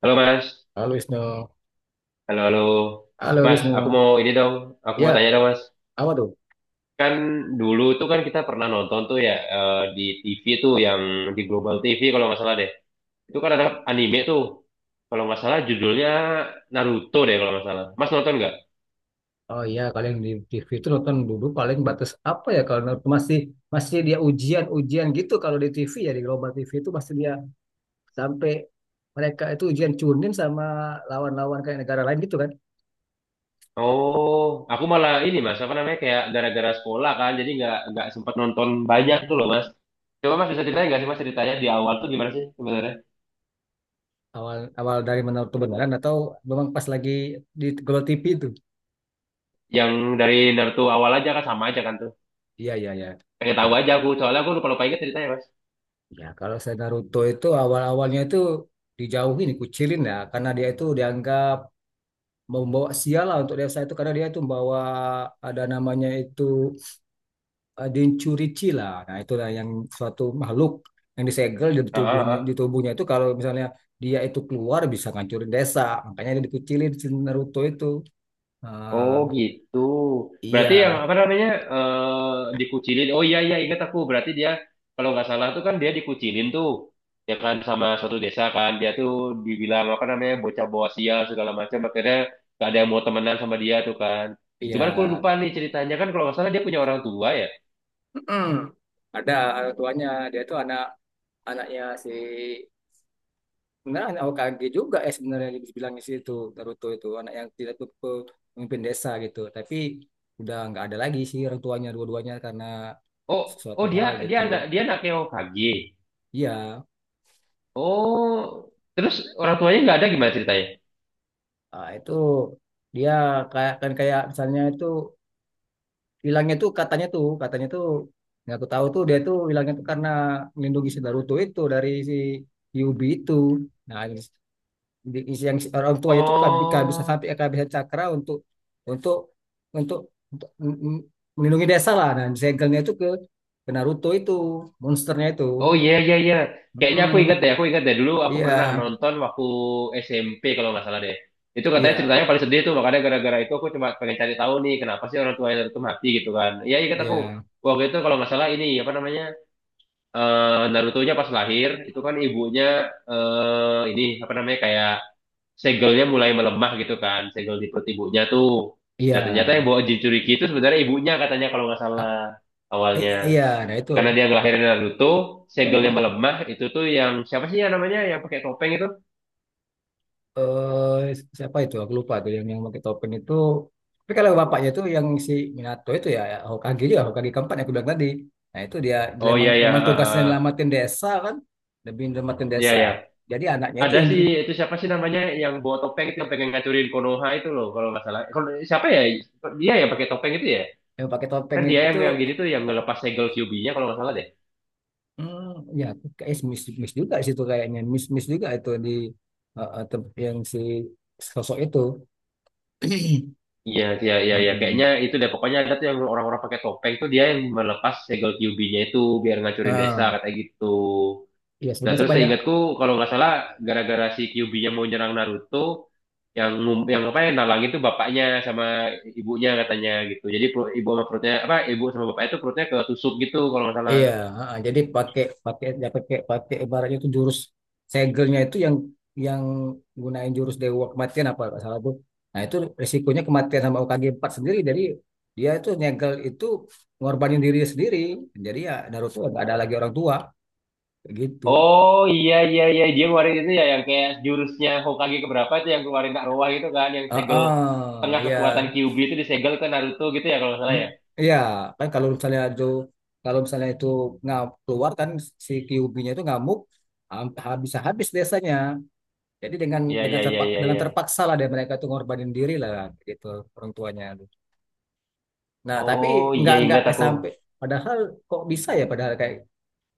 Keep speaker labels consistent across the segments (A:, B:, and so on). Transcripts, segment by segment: A: Halo Mas,
B: Halo Wisnu.
A: halo halo
B: Halo
A: Mas,
B: Wisnu.
A: aku mau ini dong, aku
B: Ya,
A: mau tanya dong Mas.
B: apa tuh?
A: Kan dulu tuh kan kita pernah nonton tuh ya di TV tuh yang di Global TV kalau nggak salah deh. Itu kan ada anime tuh, kalau nggak salah judulnya Naruto deh kalau nggak salah. Mas nonton nggak?
B: Oh iya, kalian di TV itu nonton dulu paling batas apa ya kalau masih masih dia ujian-ujian gitu kalau di TV ya di Global TV itu masih dia sampai mereka itu ujian cunin sama lawan-lawan kayak negara lain gitu kan.
A: Oh, aku malah ini Mas, apa namanya kayak gara-gara sekolah kan, jadi nggak sempat nonton banyak tuh loh Mas. Coba Mas bisa ceritain nggak sih Mas ceritanya di awal tuh gimana sih sebenarnya?
B: Awal awal dari mana tuh atau memang pas lagi di Global TV itu.
A: Yang dari Naruto awal aja kan sama aja kan tuh.
B: Iya, iya, iya.
A: Pengen
B: Ya,
A: tahu aja aku, soalnya aku lupa lupa ingat ceritanya Mas.
B: ya kalau saya Naruto itu awal-awalnya itu dijauhin, dikucilin ya karena dia itu dianggap membawa sial lah untuk desa itu karena dia itu membawa ada namanya itu densurici lah. Nah, itulah yang suatu makhluk yang disegel di
A: Ah, ah,
B: tubuhnya
A: ah.
B: itu kalau misalnya dia itu keluar bisa ngancurin desa. Makanya dia dikucilin si Naruto itu. Ah,
A: Oh gitu, berarti yang
B: iya,
A: apa namanya dikucilin, oh iya iya ingat aku. Berarti dia kalau nggak salah tuh kan dia dikucilin tuh ya kan sama suatu desa kan. Dia tuh dibilang apa namanya bocah bawa sial segala macam, akhirnya gak ada yang mau temenan sama dia tuh kan.
B: iya.
A: Cuman aku lupa nih ceritanya kan, kalau nggak salah dia punya orang tua ya.
B: Mm-mm. Ada orang tuanya, dia itu anaknya si, nah, anak O K G juga ya sebenarnya dibilang di situ. Naruto itu anak yang tidak tuh pemimpin desa gitu. Tapi udah nggak ada lagi sih orang tuanya dua-duanya karena
A: Oh,
B: sesuatu
A: oh, dia
B: hal
A: dia
B: gitu.
A: anak dia anaknya OKG.
B: Iya,
A: Oh terus, orang tuanya nggak ada, gimana ceritanya?
B: itu dia kayak, kan kayak misalnya itu hilangnya tuh katanya tuh nggak aku tahu tuh dia tuh hilangnya tuh karena melindungi si Naruto itu dari si Yubi itu. Nah, yang orang tua itu kehabisan
A: Oh,
B: sampai kehabisan cakra untuk untuk untuk, untuk m- m- melindungi desa lah dan segelnya itu ke Naruto itu, monsternya itu.
A: oh iya iya iya. Kayaknya
B: Mm-mm.
A: aku ingat deh dulu aku
B: Iya,
A: pernah nonton waktu SMP kalau nggak salah deh. Itu katanya
B: iya,
A: ceritanya paling sedih tuh, makanya gara-gara itu aku cuma pengen cari tahu nih kenapa sih orang tua Naruto mati gitu kan. Iya ingat aku.
B: iya,
A: Waktu itu kalau nggak salah ini apa namanya Naruto-nya pas lahir itu kan ibunya ini apa namanya kayak segelnya mulai melemah gitu kan, segel di perut ibunya tuh. Nah,
B: iya.
A: ternyata yang bawa Jinchuriki itu sebenarnya ibunya katanya kalau nggak
B: Ah,
A: salah awalnya.
B: iya, nah itu,
A: Karena dia ngelahirin Naruto, segelnya melemah, itu tuh yang siapa sih ya namanya yang pakai topeng itu?
B: siapa itu aku lupa tuh yang pakai topeng itu, tapi kalau bapaknya itu yang si Minato itu, ya ya, Hokage juga, Hokage keempat yang aku bilang tadi. Nah itu dia,
A: Oh iya ya,
B: memang tugasnya nyelamatin desa kan, lebih nyelamatin
A: iya
B: desa,
A: ya.
B: jadi anaknya itu
A: Ada
B: yang di
A: sih itu siapa sih namanya yang bawa topeng itu yang pengen ngacurin Konoha itu loh, kalau nggak salah. Siapa ya? Dia yang pakai topeng itu ya?
B: yang pakai topeng
A: Kan dia yang
B: itu.
A: yang gini tuh yang ngelepas segel Kyuubi-nya kalau nggak salah deh.
B: Hmm, ya aku kayak miss miss juga sih itu, kayaknya miss miss juga itu di, yang si sosok itu.
A: Iya, iya, iya, iya.
B: Mm-mm.
A: Kayaknya itu deh. Pokoknya ada tuh yang orang-orang pakai topeng tuh dia yang melepas segel Kyuubi-nya itu biar ngacurin desa
B: Ah,
A: katanya gitu.
B: Ya
A: Nah,
B: sebenarnya sih
A: terus
B: banyak.
A: seingatku kalau nggak salah gara-gara si Kyuubi-nya mau nyerang Naruto, yang yang apa yang nalang itu bapaknya sama ibunya katanya gitu. Jadi ibu sama perutnya, apa ibu sama bapaknya itu, perutnya ketusuk gitu kalau nggak salah.
B: Iya, heeh. Jadi pakai, pakai ya, pakai pakai ibaratnya itu jurus segelnya itu yang gunain jurus dewa kematian apa nggak salah tuh. Nah itu risikonya kematian sama UKG 4 sendiri. Jadi dia itu nyegel itu, ngorbanin diri sendiri. Jadi ya Naruto nggak ada lagi orang tua kayak gitu.
A: Oh iya iya iya, dia ngeluarin itu ya yang kayak jurusnya Hokage keberapa itu yang keluarin Kak Roa gitu kan, yang segel
B: Ah,
A: tengah kekuatan
B: ya,
A: Kyuubi itu disegel ke Naruto gitu ya kalau nggak salah
B: Mm,
A: ya.
B: Ya kan kalau misalnya itu, kalau misalnya itu nggak keluar kan, si Kyuubi-nya itu ngamuk, habis habis desanya. Jadi
A: Iya iya iya iya
B: dengan
A: iya.
B: terpaksa lah dan mereka itu ngorbanin diri lah gitu orang tuanya. Nah tapi
A: Oh iya
B: nggak
A: ingat
B: eh,
A: aku.
B: sampai padahal kok bisa ya, padahal kayak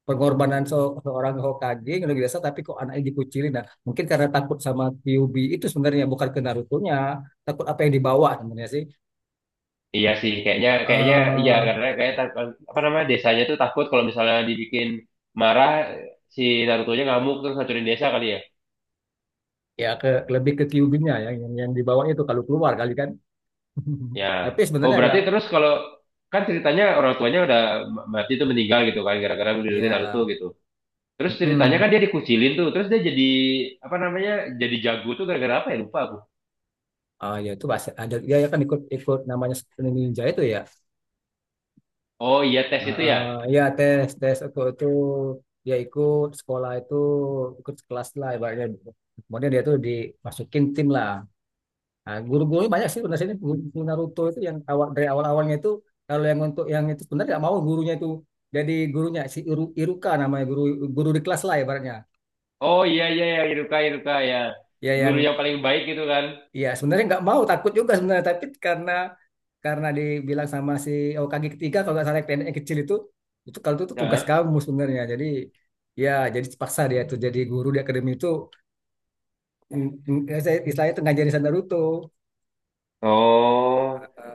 B: pengorbanan seorang Hokage yang luar biasa tapi kok anaknya dikucilin. Nah mungkin karena takut sama Kyuubi itu sebenarnya, bukan ke Naruto-nya, takut apa yang dibawa sebenarnya sih.
A: Iya sih kayaknya
B: Eh,
A: kayaknya iya,
B: eh,
A: karena kayak apa namanya desanya tuh takut kalau misalnya dibikin marah si Naruto-nya ngamuk terus hancurin desa kali ya.
B: Ya ke lebih ke Kyuubi-nya ya, yang dibawa itu kalau keluar kali kan.
A: Ya.
B: Tapi
A: Oh,
B: sebenarnya ya,
A: berarti terus kalau kan ceritanya orang tuanya udah mati tuh meninggal gitu kan gara-gara melindungi Naruto
B: ya,
A: gitu. Terus ceritanya
B: mm-mm.
A: kan dia dikucilin tuh, terus dia jadi apa namanya? Jadi jago tuh gara-gara apa ya? Lupa aku.
B: Ya itu bahasa ada ya ya kan, ikut ikut namanya ninja itu ya.
A: Oh iya tes itu
B: Heeh,
A: ya.
B: ya tes tes aku itu, dia ikut sekolah itu, ikut kelas lah ibaratnya. Kemudian dia tuh dimasukin tim lah. Nah, guru-gurunya banyak sih sebenarnya ini, guru Naruto itu yang awal dari awal-awalnya itu kalau yang untuk yang itu sebenarnya nggak mau gurunya itu, jadi gurunya si Iruka namanya, guru guru di kelas lah ibaratnya.
A: Oh iya iya ya Iruka Iruka ya.
B: Ya yang,
A: Guru yang paling baik gitu kan.
B: iya sebenarnya nggak mau, takut juga sebenarnya, tapi karena dibilang sama si OKG ketiga kalau nggak salah, yang pendek, yang kecil itu kalau itu, tuh tugas
A: Nah.
B: kamu sebenarnya. Jadi ya jadi terpaksa dia tuh jadi guru di akademi itu. Mm, mm, ya saya istilahnya itu ngajarin saya Naruto.
A: Oh.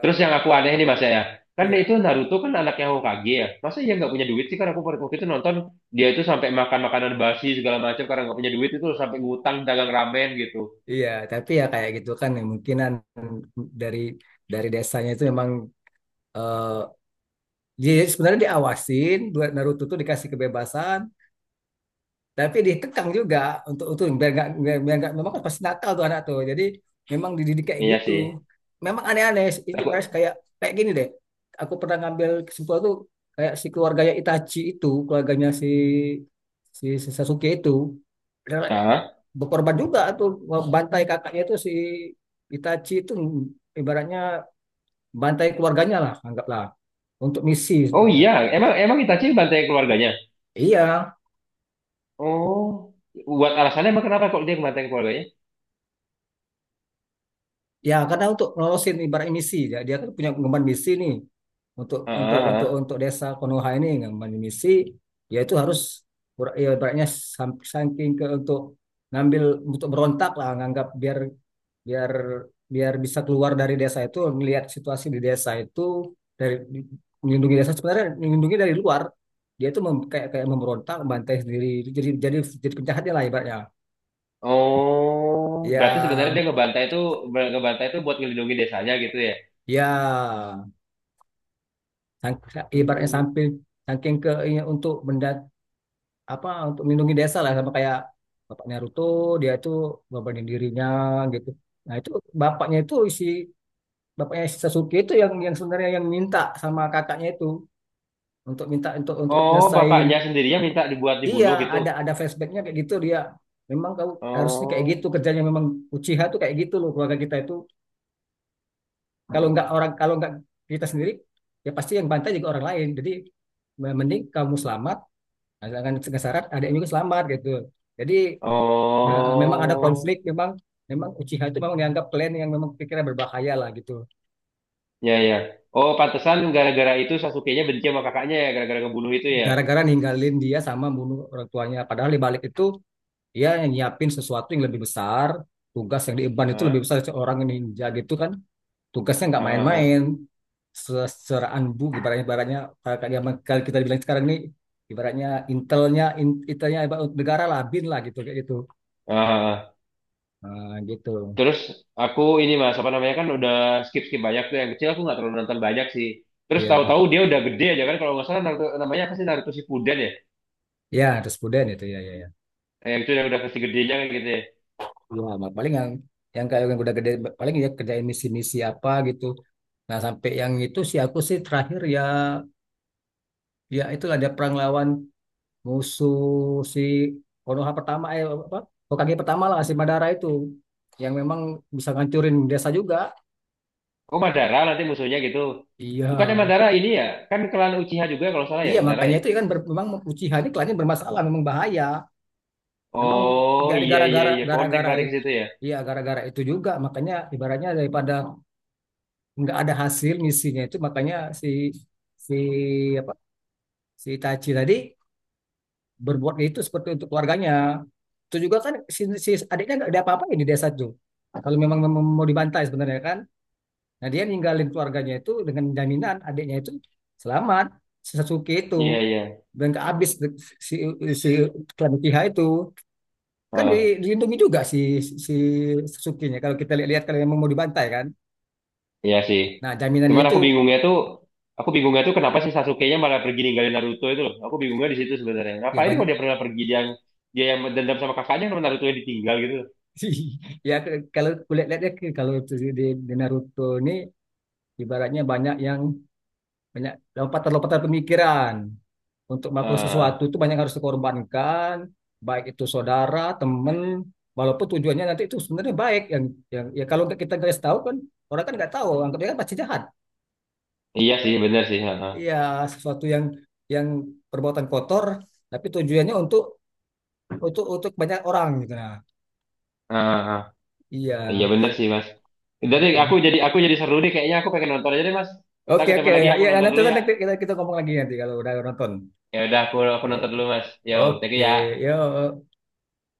A: Terus yang aku aneh nih Mas ya. Kan
B: iya.
A: itu Naruto kan anaknya Hokage ya. Masa iya nggak punya duit sih, kan aku waktu itu nonton dia itu sampai makan makanan basi segala macam karena nggak punya duit, itu sampai ngutang dagang ramen gitu.
B: Iya, tapi ya kayak gitu kan ya, mungkinan dari dari desanya itu memang, eh, dia sebenarnya diawasin buat Naruto tuh, dikasih kebebasan tapi dikekang juga, untuk itu biar nggak, biar biar nggak, memang kan pasti nakal tuh anak tuh, jadi memang dididik kayak
A: Iya
B: gitu,
A: sih.
B: memang aneh-aneh itu
A: Aku,
B: baris kayak kayak gini deh. Aku pernah ngambil kesimpulan tuh, kayak si keluarganya Itachi itu, keluarganya si si, si Sasuke itu rela
A: ah,
B: berkorban juga tuh, bantai kakaknya itu si Itachi itu, ibaratnya bantai keluarganya lah anggaplah, untuk misi.
A: oh iya, emang emang Itachi banteng keluarganya.
B: Iya,
A: Oh, buat alasannya emang kenapa kok dia ngebanteng keluarganya?
B: ya karena untuk ngelolosin ibarat misi, ya, dia kan punya pengemban misi nih,
A: Ah, ah, ah.
B: untuk desa Konoha ini pengemban misi, ya itu harus ya, ibaratnya saking ke, untuk ngambil, untuk berontak lah, nganggap biar, biar biar bisa keluar dari desa itu, melihat situasi di desa itu, dari melindungi desa, sebenarnya melindungi dari luar, dia itu mem- kayak, kayak memberontak, bantai sendiri, jadi, jadi jadi penjahatnya lah ibaratnya.
A: Oh, berarti sebenarnya
B: Ya,
A: dia ngebantai itu buat ngelindungi desanya gitu ya.
B: ya. Sang- Ibaratnya
A: Hmm.
B: sambil saking ke ini, untuk benda apa, untuk melindungi desa lah sama kayak bapak Naruto, dia itu ngorbanin dirinya gitu. Nah itu bapaknya itu isi, bapaknya si Sasuke itu yang sebenarnya yang minta sama kakaknya itu, untuk minta untuk
A: Oh,
B: nyelesain.
A: bapaknya sendirinya minta dibuat
B: Iya,
A: dibunuh gitu.
B: ada flashbacknya kayak gitu, dia memang kau harusnya kayak
A: Oh,
B: gitu kerjanya, memang Uchiha tuh kayak gitu loh, keluarga kita itu kalau nggak orang, kalau nggak kita sendiri, ya pasti yang bantai juga orang lain, jadi mending kamu selamat asalkan syarat ada yang juga selamat gitu. Jadi nah, memang ada
A: oh,
B: konflik, memang, memang Uchiha itu memang dianggap klan yang memang pikirnya berbahaya lah gitu.
A: ya ya. Oh, pantesan gara-gara itu Sasuke-nya benci sama kakaknya ya, gara-gara ngebunuh itu ya.
B: Gara-gara ninggalin dia sama bunuh orang tuanya, padahal di balik itu dia yang nyiapin sesuatu yang lebih besar, tugas yang diemban itu lebih
A: Ah,
B: besar seorang ninja gitu kan, tugasnya
A: ah,
B: nggak main-main.
A: ah,
B: Seraan bu ibaratnya, ibaratnya kalau yang kalau kita bilang sekarang ini ibaratnya intelnya, intelnya ibarat negara lah bin lah gitu kayak gitu.
A: ah, ah.
B: Nah, gitu,
A: Terus aku ini Mas apa namanya, kan udah skip skip banyak tuh yang kecil aku nggak terlalu nonton banyak sih. Terus
B: ya.
A: tahu-tahu dia udah gede aja kan kalau nggak salah Naruto, namanya apa sih Naruto Shippuden ya?
B: Ya, terus Puden itu ya, ya, ya.
A: Yang itu yang udah versi gedenya kan gitu ya.
B: Ya, Mat. Paling yang kayak yang udah gede paling ya kerjain misi-misi apa gitu. Nah, sampai yang itu sih aku sih terakhir ya, ya itulah ada perang lawan musuh si Konoha pertama apa? Hokage pertama lah si Madara itu yang memang bisa ngancurin desa juga.
A: Oh Madara nanti musuhnya gitu.
B: Iya.
A: Bukannya Madara ini ya? Kan klan Uchiha juga kalau salah ya
B: Iya,
A: Madara
B: makanya
A: ya.
B: itu kan memang Uchiha ini kelihatannya bermasalah, memang bahaya. Memang
A: Oh iya
B: gara-gara,
A: iya iya, connect
B: gara-gara
A: lari ke
B: itu.
A: situ ya.
B: Iya, gara-gara itu juga. Makanya ibaratnya daripada nggak ada hasil misinya itu makanya si si apa si Itachi tadi berbuat itu seperti untuk keluarganya, itu juga kan si adiknya nggak ada apa-apain di desa itu kalau memang mem- mau dibantai sebenarnya kan. Nah dia ninggalin keluarganya itu dengan jaminan adiknya itu selamat, si Sasuke itu,
A: Iya iya.
B: dan nggak habis si si klan Uchiha itu, kan
A: Oh.
B: dilindungi juga si si Sasuke-nya kalau kita lihat-lihat kalau memang mau dibantai kan,
A: Iya sih.
B: nah jaminannya
A: Cuman
B: itu,
A: aku bingungnya tuh kenapa sih Sasuke-nya malah pergi ninggalin Naruto itu loh. Aku bingungnya di situ sebenarnya.
B: ya
A: Ngapain
B: banyak.
A: kalau dia pernah pergi, dia yang dendam sama kakaknya kalau Naruto yang ditinggal gitu loh.
B: Ya kalau kulit lihatnya ke kalau itu di Naruto ini, ibaratnya banyak yang, banyak lompatan-lompatan pemikiran untuk melakukan sesuatu itu, banyak yang harus dikorbankan baik itu saudara teman, walaupun tujuannya nanti itu sebenarnya baik yang ya kalau nggak kita guys tahu kan, orang kan nggak tahu anggapnya kan pasti jahat.
A: Iya sih, bener sih. Heeh.
B: Ya sesuatu yang perbuatan kotor tapi tujuannya untuk, banyak orang gitu, nah,
A: Heeh.
B: iya.
A: Iya bener sih, Mas. Jadi aku jadi seru deh kayaknya, aku pengen nonton aja deh, Mas. Ntar
B: Oke
A: ketemu
B: oke
A: lagi,
B: ya,
A: aku
B: ya
A: nonton
B: nanti,
A: dulu ya.
B: nanti kita kita ngomong lagi nanti kalau udah nonton.
A: Ya udah aku nonton
B: Oke
A: dulu, Mas. Yo, thank you
B: oke
A: ya.
B: yo.